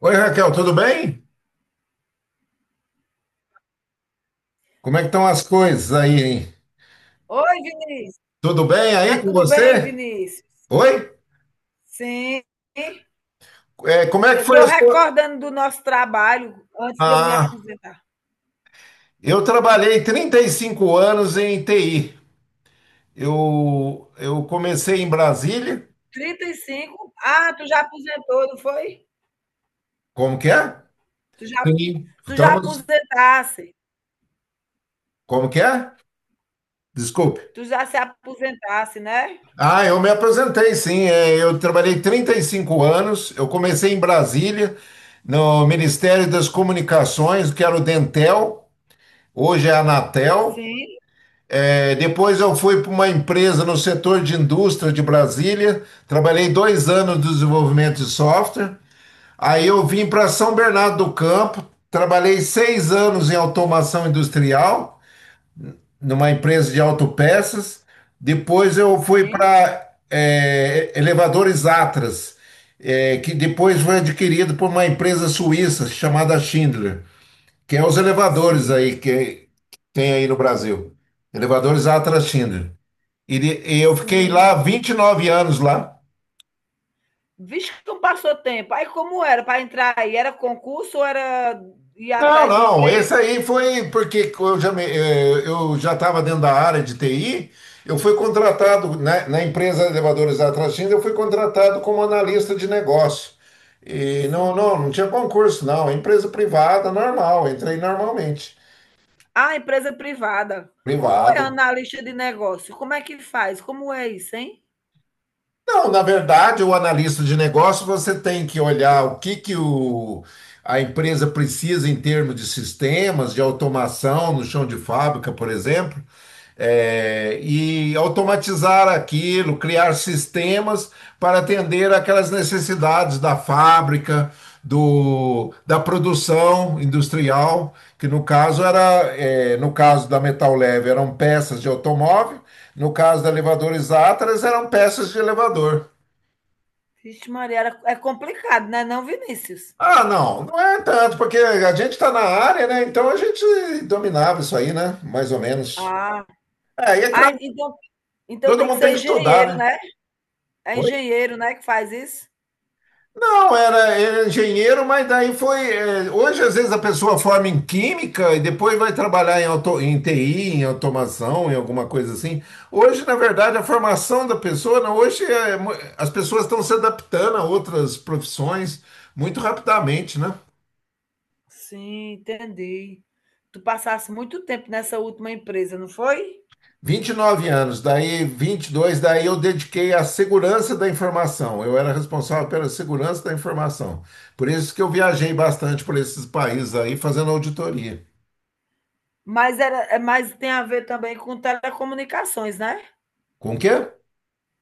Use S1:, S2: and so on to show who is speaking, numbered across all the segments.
S1: Oi, Raquel, tudo bem? Como é que estão as coisas aí, hein?
S2: Oi, Vinícius.
S1: Tudo bem
S2: Tá
S1: aí com
S2: tudo bem,
S1: você?
S2: Vinícius?
S1: Oi?
S2: Sim.
S1: É, como é que
S2: Eu
S1: foi
S2: estou
S1: a sua...
S2: recordando do nosso trabalho antes de eu me
S1: Ah,
S2: aposentar.
S1: eu trabalhei 35 anos em TI. Eu comecei em Brasília.
S2: 35. Ah, tu já aposentou, não foi?
S1: Como que é?
S2: Tu já,
S1: Sim.
S2: tu já
S1: Estamos...
S2: aposentasse.
S1: Como que é? Desculpe.
S2: Tu já se aposentasse, né?
S1: Ah, eu me apresentei. Sim. É, eu trabalhei 35 anos. Eu comecei em Brasília, no Ministério das Comunicações, que era o Dentel. Hoje é a Anatel.
S2: Sim,
S1: É, depois eu fui para uma empresa no setor de indústria de Brasília, trabalhei 2 anos de desenvolvimento de software. Aí eu vim para São Bernardo do Campo, trabalhei 6 anos em automação industrial, numa empresa de autopeças. Depois eu fui
S2: sim,
S1: para Elevadores Atlas, é, que depois foi adquirido por uma empresa suíça chamada Schindler, que é os elevadores
S2: sim,
S1: aí que tem aí no Brasil. Elevadores Atlas Schindler. Eu fiquei lá
S2: sim.
S1: 29 anos lá.
S2: Vixe, como passou tempo. Aí como era para entrar aí? Era concurso ou era ir
S1: Não,
S2: atrás do
S1: não,
S2: emprego?
S1: esse aí foi porque eu já eu já estava dentro da área de TI, eu fui contratado, né, na empresa Elevadores da Tracinda, eu fui contratado como analista de negócio. E não,
S2: Sim.
S1: não tinha concurso, não, empresa privada, normal, entrei normalmente,
S2: Ah, empresa privada. Como é
S1: privada.
S2: analista de negócio? Como é que faz? Como é isso, hein?
S1: Não, na verdade, o analista de negócio, você tem que olhar o que a empresa precisa em termos de sistemas, de automação no chão de fábrica, por exemplo, e automatizar aquilo, criar sistemas para atender aquelas necessidades da fábrica, da produção industrial, que no caso era, é, no caso da Metal Leve, eram peças de automóvel, no caso da Elevadores Atlas, eram peças de elevador.
S2: Vixe Maria, era é complicado, né, não, Vinícius?
S1: Ah, não, não é tanto, porque a gente está na área, né? Então a gente dominava isso aí, né? Mais ou menos.
S2: Ah,
S1: É, e é
S2: ah,
S1: claro,
S2: então então
S1: todo
S2: tem que
S1: mundo tem
S2: ser
S1: que estudar,
S2: engenheiro,
S1: né?
S2: né? É
S1: Oi?
S2: engenheiro, né, que faz isso?
S1: Não, era engenheiro, mas daí foi. É, hoje, às vezes, a pessoa forma em química e depois vai trabalhar em TI, em automação, em alguma coisa assim. Hoje, na verdade, a formação da pessoa, não, hoje as pessoas estão se adaptando a outras profissões muito rapidamente, né?
S2: Sim, entendi. Tu passasse muito tempo nessa última empresa, não foi?
S1: 29 anos, daí 22 daí eu dediquei à segurança da informação. Eu era responsável pela segurança da informação. Por isso que eu viajei bastante por esses países aí fazendo auditoria.
S2: Mas era é mas tem a ver também com telecomunicações, né?
S1: Com o quê?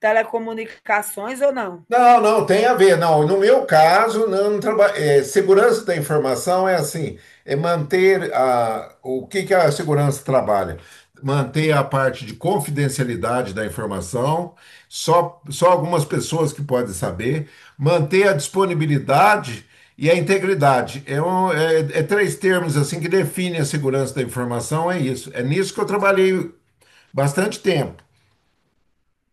S2: Telecomunicações ou não?
S1: Não, não, tem a ver. Não, no meu caso, não, não traba- é, segurança da informação é assim, é manter a, o que que a segurança trabalha? Manter a parte de confidencialidade da informação, só algumas pessoas que podem saber, manter a disponibilidade e a integridade. É, três termos assim que definem a segurança da informação, é isso. É nisso que eu trabalhei bastante tempo.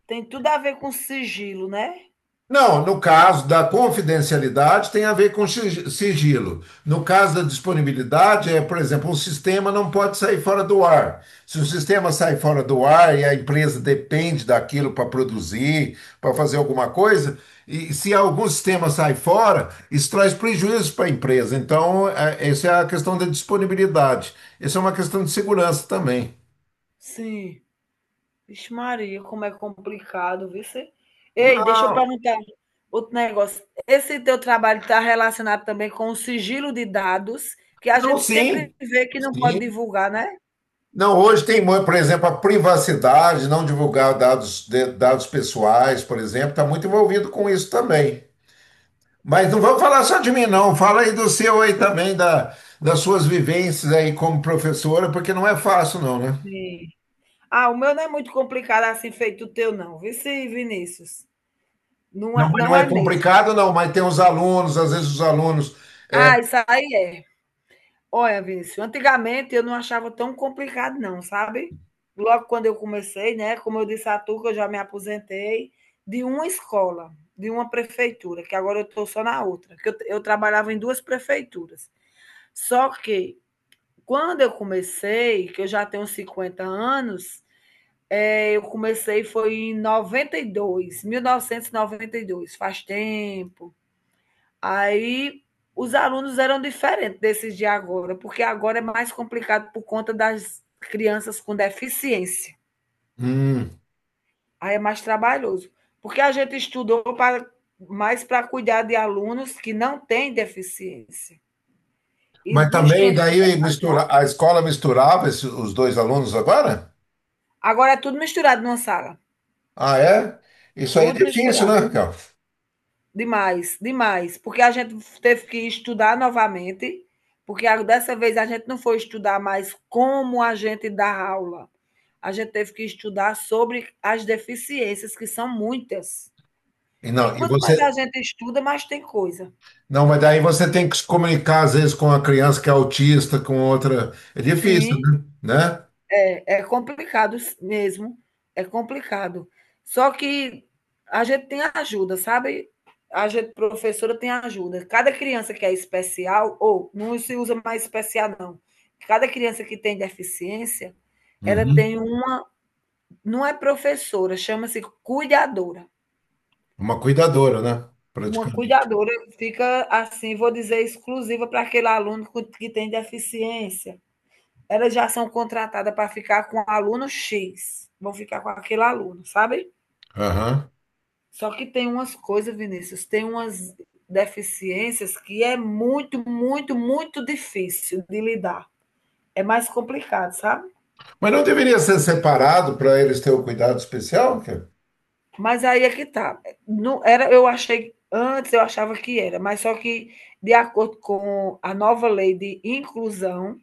S2: Tem tudo a ver com sigilo, né?
S1: Não, no caso da confidencialidade tem a ver com sigilo. No caso da disponibilidade, é, por exemplo, o sistema não pode sair fora do ar. Se o sistema sai fora do ar e a empresa depende daquilo para produzir, para fazer alguma coisa, e se algum sistema sai fora, isso traz prejuízo para a empresa. Então, é, essa é a questão da disponibilidade. Essa é uma questão de segurança também.
S2: Sim. Vixe Maria, como é complicado, viu? Cê? Ei, deixa eu
S1: Não,
S2: perguntar outro negócio. Esse teu trabalho está relacionado também com o sigilo de dados, que a
S1: não,
S2: gente sempre
S1: sim.
S2: vê que não pode
S1: Sim.
S2: divulgar, né?
S1: Não, hoje tem, por exemplo, a privacidade, não divulgar dados, dados pessoais, por exemplo, está muito envolvido com isso também. Mas não vamos falar só de mim, não. Fala aí do seu aí também, das suas vivências aí como professora, porque não é fácil, não, né?
S2: Sim. Ah, o meu não é muito complicado assim feito o teu, não. Viu, cê, Vinícius? Não
S1: Não,
S2: é,
S1: mas não
S2: não
S1: é
S2: é mesmo.
S1: complicado, não, mas tem os alunos, às vezes os alunos.
S2: Ah, isso aí é. Olha, Vinícius, antigamente eu não achava tão complicado não, sabe. Logo quando eu comecei, né, como eu disse a tu que eu já me aposentei de uma escola, de uma prefeitura, que agora eu estou só na outra, que eu trabalhava em 2 prefeituras. Só que quando eu comecei, que eu já tenho 50 anos, eu comecei foi em noventa noventa e dois, 1992. Faz tempo. Aí os alunos eram diferentes desses de agora, porque agora é mais complicado por conta das crianças com deficiência.
S1: Hum,
S2: Aí é mais trabalhoso. Porque a gente estudou para, mais para cuidar de alunos que não têm deficiência. E
S1: mas
S2: dos
S1: também
S2: tempos.
S1: daí mistura, a escola misturava os dois alunos agora?
S2: Agora é tudo misturado numa sala.
S1: Ah, é? Isso aí é
S2: Tudo
S1: difícil, né,
S2: misturado.
S1: Raquel?
S2: Demais, demais. Porque a gente teve que estudar novamente, porque dessa vez a gente não foi estudar mais como a gente dá aula. A gente teve que estudar sobre as deficiências, que são muitas. E
S1: E
S2: quanto mais a
S1: você.
S2: gente estuda, mais tem coisa.
S1: Não, mas daí você tem que se comunicar, às vezes, com a criança que é autista, com outra. É difícil,
S2: Sim.
S1: né? Né?
S2: É, é complicado mesmo, é complicado. Só que a gente tem ajuda, sabe? A gente, professora, tem ajuda. Cada criança que é especial, ou não se usa mais especial, não. Cada criança que tem deficiência, ela
S1: Uhum.
S2: tem uma. Não é professora, chama-se cuidadora.
S1: Uma cuidadora, né?
S2: Uma
S1: Praticamente.
S2: cuidadora fica, assim, vou dizer, exclusiva para aquele que tem deficiência. Elas já são contratadas para ficar com aluno X, vão ficar com aquele aluno, sabe?
S1: Aham.
S2: Só que tem umas coisas, Vinícius, tem umas deficiências que é muito, muito, muito difícil de lidar. É mais complicado, sabe?
S1: Mas não deveria ser separado para eles terem o cuidado especial, cara?
S2: Mas aí é que tá. Não era, eu achei antes eu achava que era, mas só que de acordo com a nova lei de inclusão,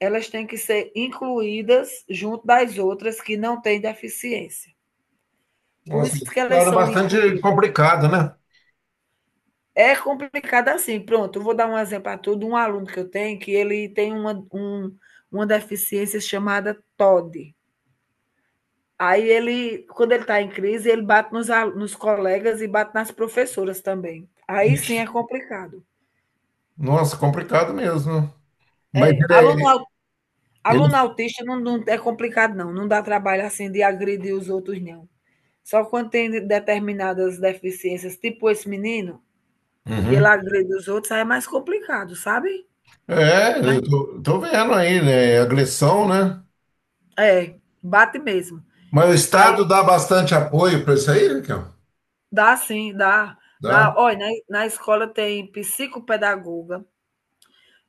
S2: elas têm que ser incluídas junto das outras que não têm deficiência. Por
S1: Nossa,
S2: isso que
S1: isso
S2: elas
S1: era
S2: são
S1: bastante
S2: incluídas.
S1: complicado, né?
S2: É complicado assim. Pronto, eu vou dar um exemplo a tudo. Um aluno que eu tenho, que ele tem uma deficiência chamada TOD. Aí ele, quando ele está em crise, ele bate nos colegas e bate nas professoras também. Aí sim
S1: Ixi.
S2: é complicado.
S1: Nossa, complicado mesmo. Mas
S2: É,
S1: ele, é, ele...
S2: aluno autista não, não é complicado, não. Não dá trabalho assim de agredir os outros, não. Só quando tem determinadas deficiências, tipo esse menino, que
S1: Uhum.
S2: ele agride os outros, aí é mais complicado, sabe?
S1: É,
S2: Mas,
S1: tô vendo aí, né? É agressão, né?
S2: é, bate mesmo.
S1: Mas o
S2: Aí
S1: Estado dá bastante apoio para isso aí, Raquel?
S2: dá sim, dá,
S1: Dá.
S2: dá. Olha, na escola tem psicopedagoga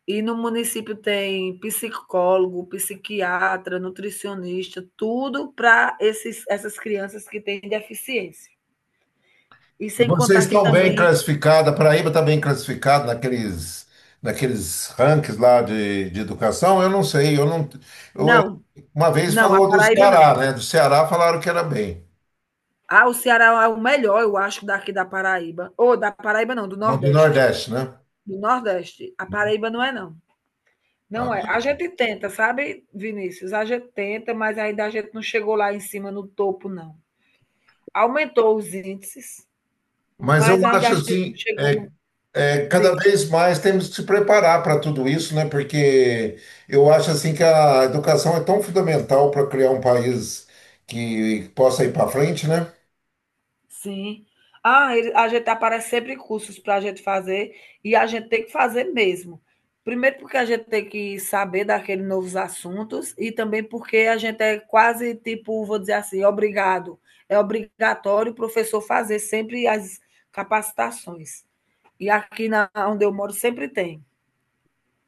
S2: e no município tem psicólogo, psiquiatra, nutricionista, tudo para esses essas crianças que têm deficiência. E
S1: E
S2: sem
S1: vocês
S2: contar que
S1: estão bem
S2: também
S1: classificados? A Paraíba está bem classificada naqueles, naqueles rankings lá de educação? Eu não sei, eu não. eu-
S2: não,
S1: uma vez
S2: não, a
S1: falou do
S2: Paraíba não.
S1: Ceará, né? Do Ceará falaram que era bem,
S2: Ah, o Ceará é o melhor, eu acho, daqui da Paraíba. Ou da Paraíba não, do
S1: não do
S2: Nordeste.
S1: Nordeste, né?
S2: Do Nordeste. A Paraíba não é não.
S1: Ah,
S2: Não é. A gente tenta, sabe, Vinícius? A gente tenta, mas ainda a gente não chegou lá em cima no topo, não. Aumentou os índices,
S1: mas eu
S2: mas ainda
S1: acho
S2: a gente não
S1: assim,
S2: chegou no.
S1: cada
S2: Diz,
S1: vez mais temos que se preparar para tudo isso, né? Porque eu acho assim que a educação é tão fundamental para criar um país que possa ir para frente, né?
S2: sim. A gente aparece sempre cursos para a gente fazer e a gente tem que fazer mesmo. Primeiro porque a gente tem que saber daqueles novos assuntos e também porque a gente é quase tipo, vou dizer assim, obrigado. É obrigatório o professor fazer sempre as capacitações. E aqui na, onde eu moro sempre tem.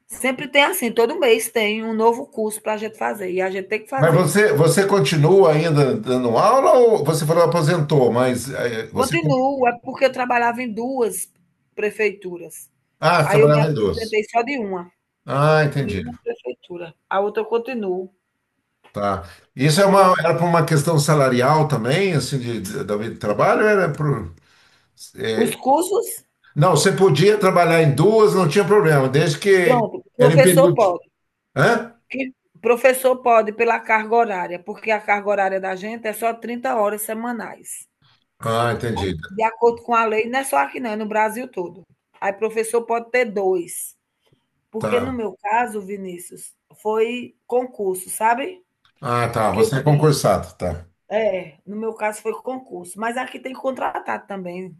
S2: Sempre tem assim, todo mês tem um novo curso para a gente fazer. E a gente tem que
S1: Mas
S2: fazer.
S1: você continua ainda dando aula ou você falou aposentou, mas você...
S2: Continuo, é porque eu trabalhava em duas prefeituras.
S1: Ah, você
S2: Aí eu me
S1: trabalhava em doce.
S2: aposentei só
S1: Ah,
S2: de
S1: entendi.
S2: uma prefeitura. A outra eu continuo.
S1: Tá. Isso é uma, era por uma questão salarial também, assim, da vida de trabalho? Era por... eh,
S2: Os cursos,
S1: não, você podia trabalhar em duas, não tinha problema, desde que
S2: pronto,
S1: era em
S2: professor
S1: período...
S2: pode.
S1: Hã?
S2: Que professor pode pela carga horária, porque a carga horária da gente é só 30 horas semanais.
S1: Ah, entendi.
S2: Aí, de acordo com a lei, não é só aqui não, é no Brasil todo. Aí professor pode ter 2 porque no
S1: Tá.
S2: meu caso, Vinícius, foi concurso, sabe,
S1: Ah, tá.
S2: que eu
S1: Você é
S2: fiz.
S1: concursado, tá.
S2: É, no meu caso foi concurso, mas aqui tem contratado também.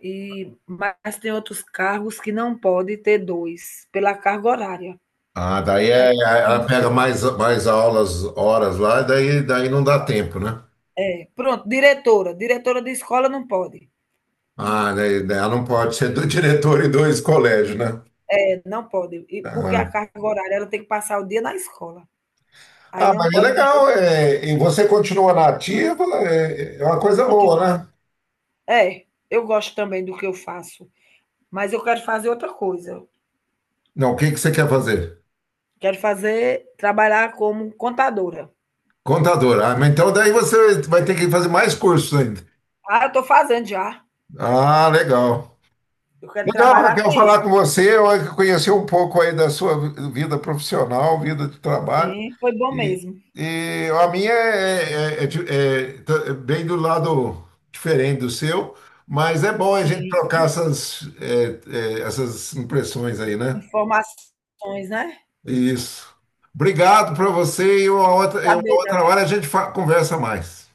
S2: E mas tem outros cargos que não pode ter 2 pela carga horária.
S1: Ah,
S2: Aí
S1: ela
S2: não
S1: pega mais, mais aulas, horas lá, daí não dá tempo, né?
S2: tem. Pronto, diretora, diretora de escola não pode.
S1: Ah, né, né, ela não pode ser do diretor e dois colégios, né?
S2: É, não pode, e porque a
S1: Ah,
S2: carga horária ela tem que passar o dia na escola. Aí
S1: ah,
S2: não
S1: mas é
S2: pode de
S1: legal.
S2: jeito
S1: É, e você continua na ativa, é, é uma coisa
S2: continua.
S1: boa, né?
S2: É, eu gosto também do que eu faço, mas eu quero fazer outra coisa.
S1: Não, o que que você quer fazer?
S2: Quero fazer, trabalhar como contadora.
S1: Contador. Ah, mas então daí você vai ter que fazer mais cursos ainda.
S2: Ah, eu estou fazendo já.
S1: Ah, legal.
S2: Eu quero
S1: Legal,
S2: trabalhar
S1: Raquel,
S2: com isso.
S1: falar com você. Eu conheci um pouco aí da sua vida profissional, vida de trabalho.
S2: Sim, foi bom
S1: E,
S2: mesmo.
S1: e a minha é, é tá é bem do lado diferente do seu, mas é bom a gente
S2: Sim,
S1: trocar essas, essas impressões aí, né?
S2: informações, né?
S1: Isso. Obrigado para você e uma
S2: Saber da
S1: outra hora
S2: vida.
S1: a gente conversa mais.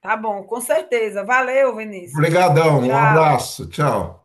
S2: Tá bom, com certeza. Valeu, Vinícius.
S1: Obrigadão, um
S2: Tchau.
S1: abraço, tchau.